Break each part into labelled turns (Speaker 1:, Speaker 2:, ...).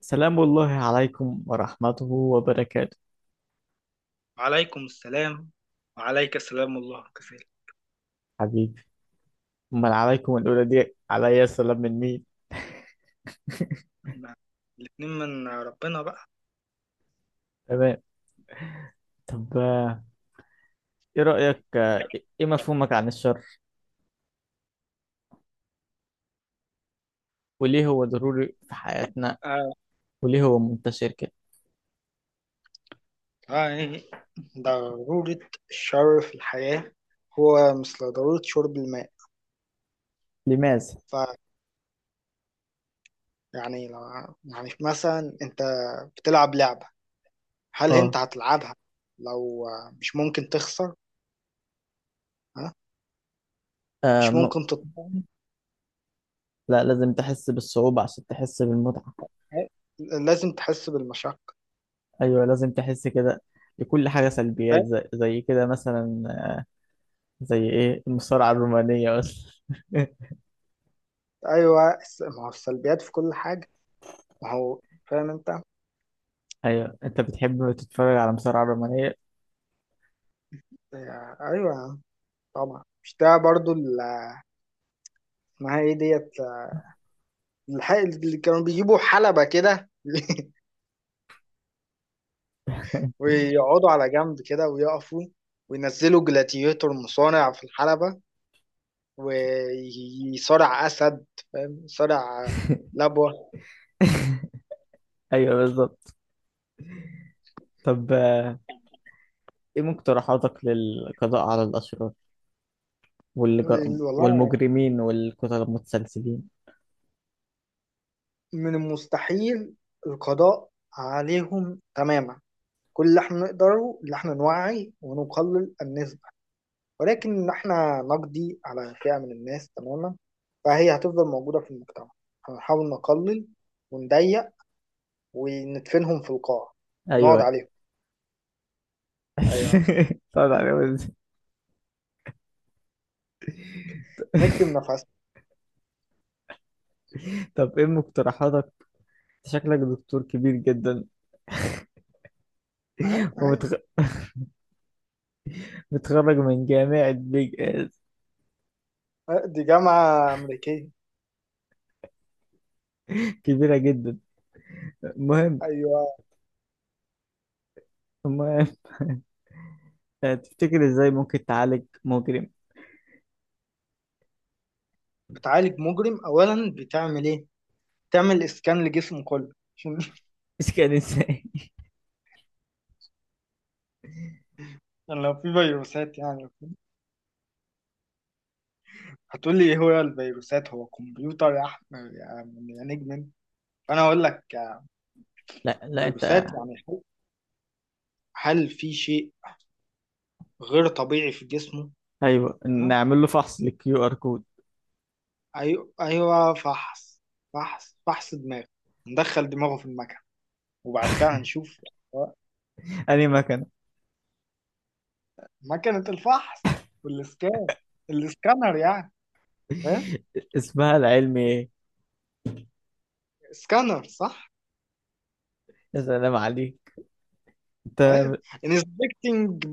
Speaker 1: سلام الله عليكم ورحمته وبركاته.
Speaker 2: وعليكم السلام. وعليك السلام، الله كفيل.
Speaker 1: حبيبي، أمال عليكم الأولى دي، عليا سلام من مين؟
Speaker 2: ما- الاتنين من ربنا بقى.
Speaker 1: تمام. طب، إيه رأيك؟ إيه مفهومك عن الشر؟ وليه هو ضروري في حياتنا؟
Speaker 2: آه.
Speaker 1: وليه هو منتشر كده؟
Speaker 2: آه. ضرورة الشر في الحياة هو مثل ضرورة شرب الماء.
Speaker 1: لماذا؟
Speaker 2: فيعني لو يعني مثلا انت بتلعب لعبة، هل انت
Speaker 1: آه.
Speaker 2: هتلعبها لو مش ممكن تخسر؟ ها،
Speaker 1: آه
Speaker 2: مش
Speaker 1: م...
Speaker 2: ممكن تطعم.
Speaker 1: لا، لازم تحس بالصعوبة عشان تحس بالمتعة.
Speaker 2: لازم تحس بالمشقة.
Speaker 1: أيوة، لازم تحس كده. لكل حاجة سلبيات،
Speaker 2: فاهم؟
Speaker 1: زي كده مثلا، زي إيه؟ المصارعة الرومانية بس.
Speaker 2: ايوه، ما هو السلبيات في كل حاجة. ما هو فاهم انت.
Speaker 1: أيوة، أنت بتحب تتفرج على مصارعة رومانية؟
Speaker 2: ايوه، طبعا. مش ده برضو اسمها ايه ديت الحق اللي كانوا بيجيبوا حلبة كده، ويقعدوا على جنب كده ويقفوا، وينزلوا جلاديتور مصارع في الحلبة، ويصارع أسد. فاهم؟ يصارع لبوة.
Speaker 1: أيوة بالظبط. طب، ايه مقترحاتك للقضاء على الأشرار
Speaker 2: والله يعني
Speaker 1: والمجرمين والقتلة المتسلسلين؟
Speaker 2: من المستحيل القضاء عليهم تماما. كل اللي احنا نقدره اللي احنا نوعي ونقلل النسبة، ولكن إن احنا نقضي على فئة من الناس تماما، فهي هتفضل موجودة في المجتمع. هنحاول نقلل ونضيق وندفنهم في القاع، ونقعد
Speaker 1: ايوه.
Speaker 2: عليهم. ايوه،
Speaker 1: طبعا، عليهم إزاي؟
Speaker 2: نكتم نفسنا.
Speaker 1: طب، ايه مقترحاتك؟ أنت شكلك دكتور كبير جدا،
Speaker 2: أي.
Speaker 1: ومتخرج من جامعة بيج اس
Speaker 2: دي جامعة أمريكية.
Speaker 1: كبيرة جدا. المهم.
Speaker 2: ايوه.
Speaker 1: المهم، تفتكر ازاي ممكن تعالج مجرم؟
Speaker 2: بتعالج مجرم اولا بتعمل ايه؟ تعمل اسكان لجسمه كله عشان.
Speaker 1: مش كده ازاي.
Speaker 2: لو في فيروسات يعني، هتقول لي: ايه هو الفيروسات؟ هو كمبيوتر يا احمد، يا نجم أنت. فانا اقول لك:
Speaker 1: لا لا، انت،
Speaker 2: فيروسات يعني، هل في شيء غير طبيعي في جسمه؟
Speaker 1: ايوه.
Speaker 2: ها.
Speaker 1: نعمل له فحص للكيو ار كود.
Speaker 2: ايوه ايوه، فحص، فحص فحص دماغ، ندخل دماغه في المكنه، وبعد كده هنشوف.
Speaker 1: انهي مكنة؟
Speaker 2: مكنه الفحص والاسكان، الاسكانر يعني. فاهم؟
Speaker 1: اسمها العلمي ايه؟
Speaker 2: سكانر، صح.
Speaker 1: يا سلام عليك. انت،
Speaker 2: ايوه، انسبكتنج،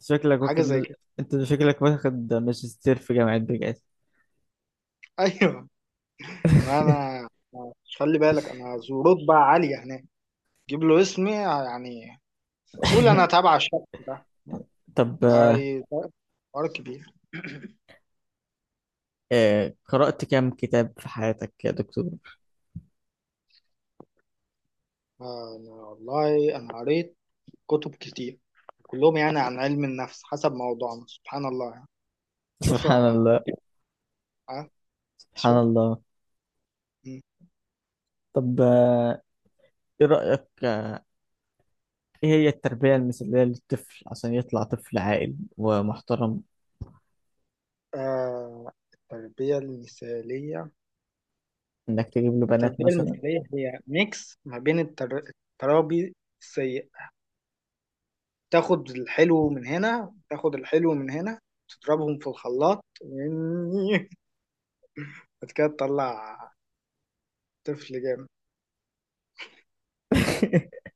Speaker 1: شكلك
Speaker 2: حاجه
Speaker 1: واخد
Speaker 2: زي
Speaker 1: مز...
Speaker 2: كده.
Speaker 1: انت شكلك واخد ماجستير في جامعة بجد.
Speaker 2: ايوه، ما انا خلي بالك انا ذو رتبه عاليه هناك. جيب له اسمي يعني، قول انا تابع الشخص ده. ها؟
Speaker 1: طب،
Speaker 2: هاي فرق كبير.
Speaker 1: قرأت كام كتاب في حياتك يا دكتور؟
Speaker 2: انا والله انا قريت كتب كتير، كلهم يعني عن علم النفس حسب موضوعنا، سبحان الله يعني. شوف،
Speaker 1: سبحان الله.
Speaker 2: آه،
Speaker 1: سبحان
Speaker 2: شوف.
Speaker 1: الله.
Speaker 2: مم.
Speaker 1: طب، ايه رأيك؟ ايه هي التربية المثالية للطفل عشان يطلع طفل عاقل ومحترم؟
Speaker 2: آه، التربية المثالية.
Speaker 1: انك تجيب له بنات
Speaker 2: التربية
Speaker 1: مثلا؟
Speaker 2: المثالية هي ميكس ما بين الترابي السيء. تاخد الحلو من هنا، تاخد الحلو من هنا، تضربهم في الخلاط، بعد كده تطلع طفل جامد.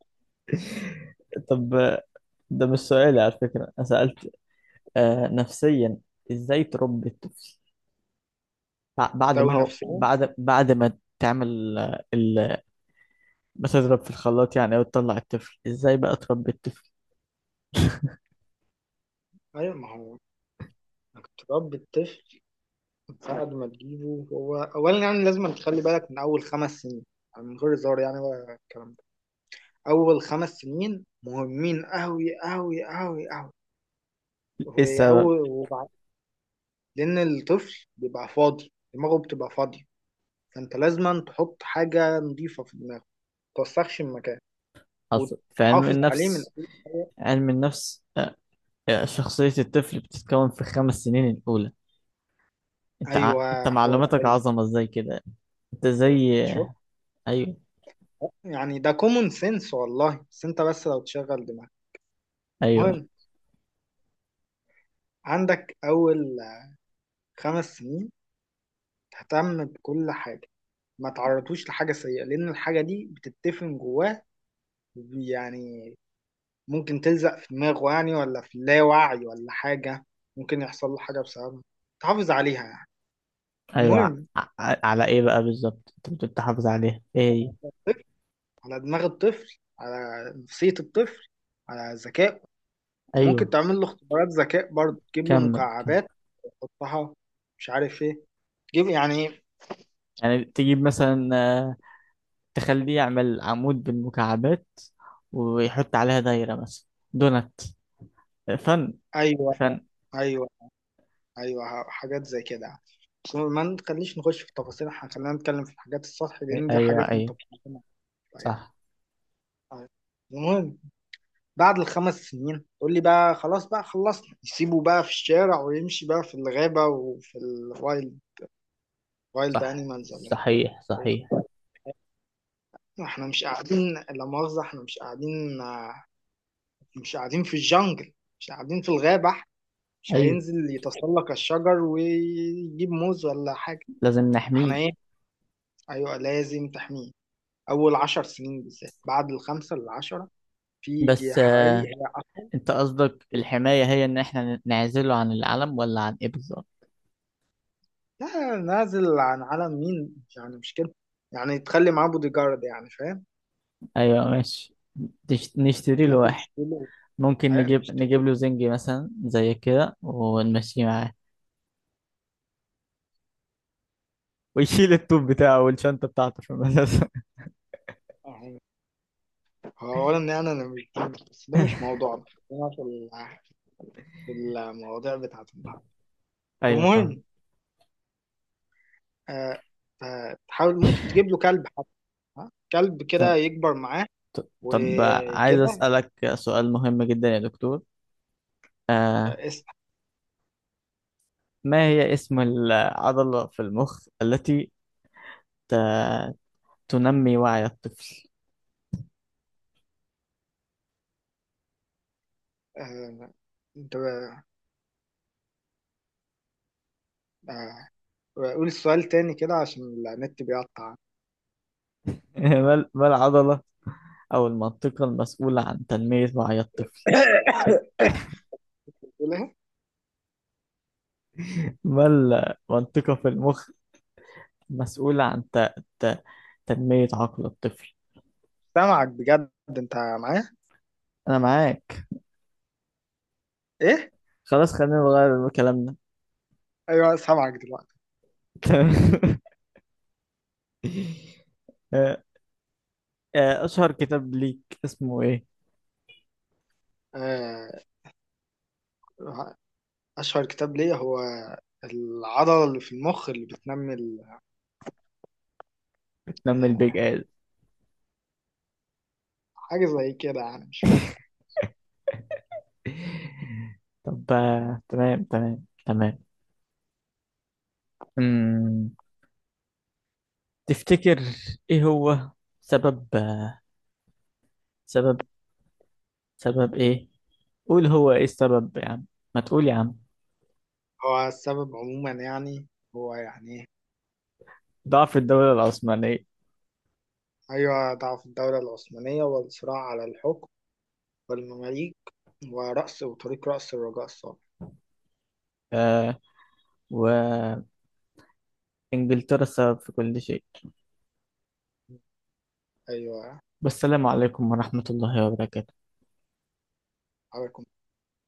Speaker 1: طب، ده مش سؤالي على فكرة. انا سألت نفسيا ازاي تربي الطفل؟ بعد ما
Speaker 2: تساوي
Speaker 1: هو،
Speaker 2: نفسهم.
Speaker 1: بعد ما تعمل بتضرب في الخلاط يعني، وتطلع الطفل ازاي بقى تربي الطفل؟
Speaker 2: ايوه، ما هو انك تربي الطفل بعد ما تجيبه، هو اولا يعني لازم تخلي بالك من اول 5 سنين. يعني من غير هزار يعني، ولا الكلام ده. اول 5 سنين مهمين قوي قوي قوي قوي.
Speaker 1: ايه السبب؟
Speaker 2: واول وبع- لان الطفل بيبقى فاضي، دماغه بتبقى فاضيه، فانت لازم تحط حاجه نظيفه في دماغه، ما توسخش المكان،
Speaker 1: حصل في علم
Speaker 2: وتحافظ عليه من
Speaker 1: النفس.
Speaker 2: أول-
Speaker 1: علم النفس. شخصية الطفل بتتكون في الخمس سنين الأولى. انت
Speaker 2: ايوه،
Speaker 1: انت
Speaker 2: هو ده
Speaker 1: معلوماتك
Speaker 2: علمي.
Speaker 1: عظمة ازاي كده؟ انت زي.
Speaker 2: شوف،
Speaker 1: ايوه
Speaker 2: يعني ده كومون سنس والله، بس انت بس لو تشغل دماغك.
Speaker 1: ايوه
Speaker 2: المهم، عندك اول 5 سنين تهتم بكل حاجة، ما تعرضوش لحاجة سيئة، لأن الحاجة دي بتتفن جواه يعني، ممكن تلزق في دماغه يعني، ولا في اللاوعي ولا حاجة، ممكن يحصل له حاجة بسببها. تحافظ عليها يعني.
Speaker 1: ايوه.
Speaker 2: المهم،
Speaker 1: على ايه بقى بالظبط انت بتقول تحافظ عليها؟ ايه
Speaker 2: على
Speaker 1: هي؟
Speaker 2: الطفل- على دماغ الطفل، على نفسية الطفل، على ذكائه. ممكن
Speaker 1: ايوه،
Speaker 2: تعمل له اختبارات ذكاء برضه، تجيب له
Speaker 1: كمل كمل.
Speaker 2: مكعبات، تحطها، مش عارف ايه تجيب يعني.
Speaker 1: يعني تجيب مثلا تخليه يعمل عمود بالمكعبات، ويحط عليها دايرة مثلا. دونت. فن.
Speaker 2: ايوه،
Speaker 1: فن.
Speaker 2: ايوه، ايوه، حاجات زي كده. ما نخليش نخش في تفاصيل، إحنا خلينا نتكلم في الحاجات السطح،
Speaker 1: ايوه.
Speaker 2: لان دي حاجات
Speaker 1: ايوه.
Speaker 2: متقدمه شوية.
Speaker 1: صح.
Speaker 2: طيب. المهم، بعد الـ5 سنين تقول لي بقى خلاص بقى خلصنا، يسيبه بقى في الشارع ويمشي بقى في الغابه وفي الوايلد، وايلد
Speaker 1: صح.
Speaker 2: انيمالز ولا مش عارف.
Speaker 1: صحيح
Speaker 2: ايوه،
Speaker 1: صحيح.
Speaker 2: احنا مش قاعدين، لا مؤاخذه احنا مش قاعدين، مش قاعدين في الجنجل، مش قاعدين في الغابه إحنا، مش
Speaker 1: ايوه،
Speaker 2: هينزل يتسلق الشجر ويجيب موز ولا حاجه.
Speaker 1: لازم
Speaker 2: احنا
Speaker 1: نحميه.
Speaker 2: ايه؟ ايوه، لازم تحميه. اول 10 سنين بالذات، بعد الـ5 للـ10، في يجي
Speaker 1: بس
Speaker 2: حوالي هي اصلا
Speaker 1: انت قصدك
Speaker 2: و-
Speaker 1: الحماية هي ان احنا نعزله عن العالم، ولا عن ايه بالظبط؟
Speaker 2: لا، نازل عن عالم مين يعني؟ مش كده، يعني تخلي معاه بودي جارد يعني. فاهم؟
Speaker 1: ايوه، ماشي. نشتري له
Speaker 2: ممكن
Speaker 1: واحد.
Speaker 2: تشتري له،
Speaker 1: ممكن
Speaker 2: حقيقة
Speaker 1: نجيب
Speaker 2: مش تشتري
Speaker 1: نجيب
Speaker 2: له.
Speaker 1: له زنجي مثلا زي كده، ونمشيه معاه، ويشيل التوب بتاعه والشنطة بتاعته في المدرسة.
Speaker 2: أهو. هو اولا يعني انا مش، بس ده مش موضوعنا. خلينا في المواضيع بتاعت النهارده.
Speaker 1: ايوه طبعا.
Speaker 2: المهم، آه، تحاول ممكن تجيب له كلب حتى. ها؟ كلب كده
Speaker 1: طب
Speaker 2: يكبر معاه
Speaker 1: طب طب، عايز
Speaker 2: وكده.
Speaker 1: اسالك سؤال مهم جدا يا دكتور.
Speaker 2: آه،
Speaker 1: آه.
Speaker 2: اسمع.
Speaker 1: ما هي اسم العضله في المخ التي آه، تنمي وعي الطفل؟
Speaker 2: آه، انت، آه، قول السؤال تاني كده عشان النت بيقطع.
Speaker 1: ما العضلة أو المنطقة المسؤولة عن تنمية وعي الطفل؟
Speaker 2: تقول ايه؟
Speaker 1: ما المنطقة في المخ مسؤولة عن ت... تنمية عقل الطفل؟
Speaker 2: سامعك بجد، انت معايا؟
Speaker 1: أنا معاك.
Speaker 2: ايه؟
Speaker 1: خلاص، خلينا نغير كلامنا.
Speaker 2: ايوه، سامعك دلوقتي.
Speaker 1: آه، أشهر كتاب ليك اسمه إيه؟
Speaker 2: آه، اشهر كتاب ليا هو العضله اللي في المخ اللي بتنمي
Speaker 1: تنمي البيج
Speaker 2: آه،
Speaker 1: آد.
Speaker 2: حاجه زي كده يعني، مش فاكر.
Speaker 1: طب، تمام تمام تمام. أمم، تفتكر إيه هو سبب سبب، سبب ايه؟ قول هو ايه السبب يا عم؟ ما تقول يا عم.
Speaker 2: هو السبب عموما يعني هو يعني إيه؟
Speaker 1: ضعف الدولة العثمانية.
Speaker 2: ايوه، ضعف الدوله العثمانيه، والصراع على الحكم، والمماليك، وطريق رأس الرجاء الصالح.
Speaker 1: آه، وإنجلترا السبب في كل شيء.
Speaker 2: ايوه،
Speaker 1: والسلام عليكم ورحمة الله وبركاته.
Speaker 2: حاجه.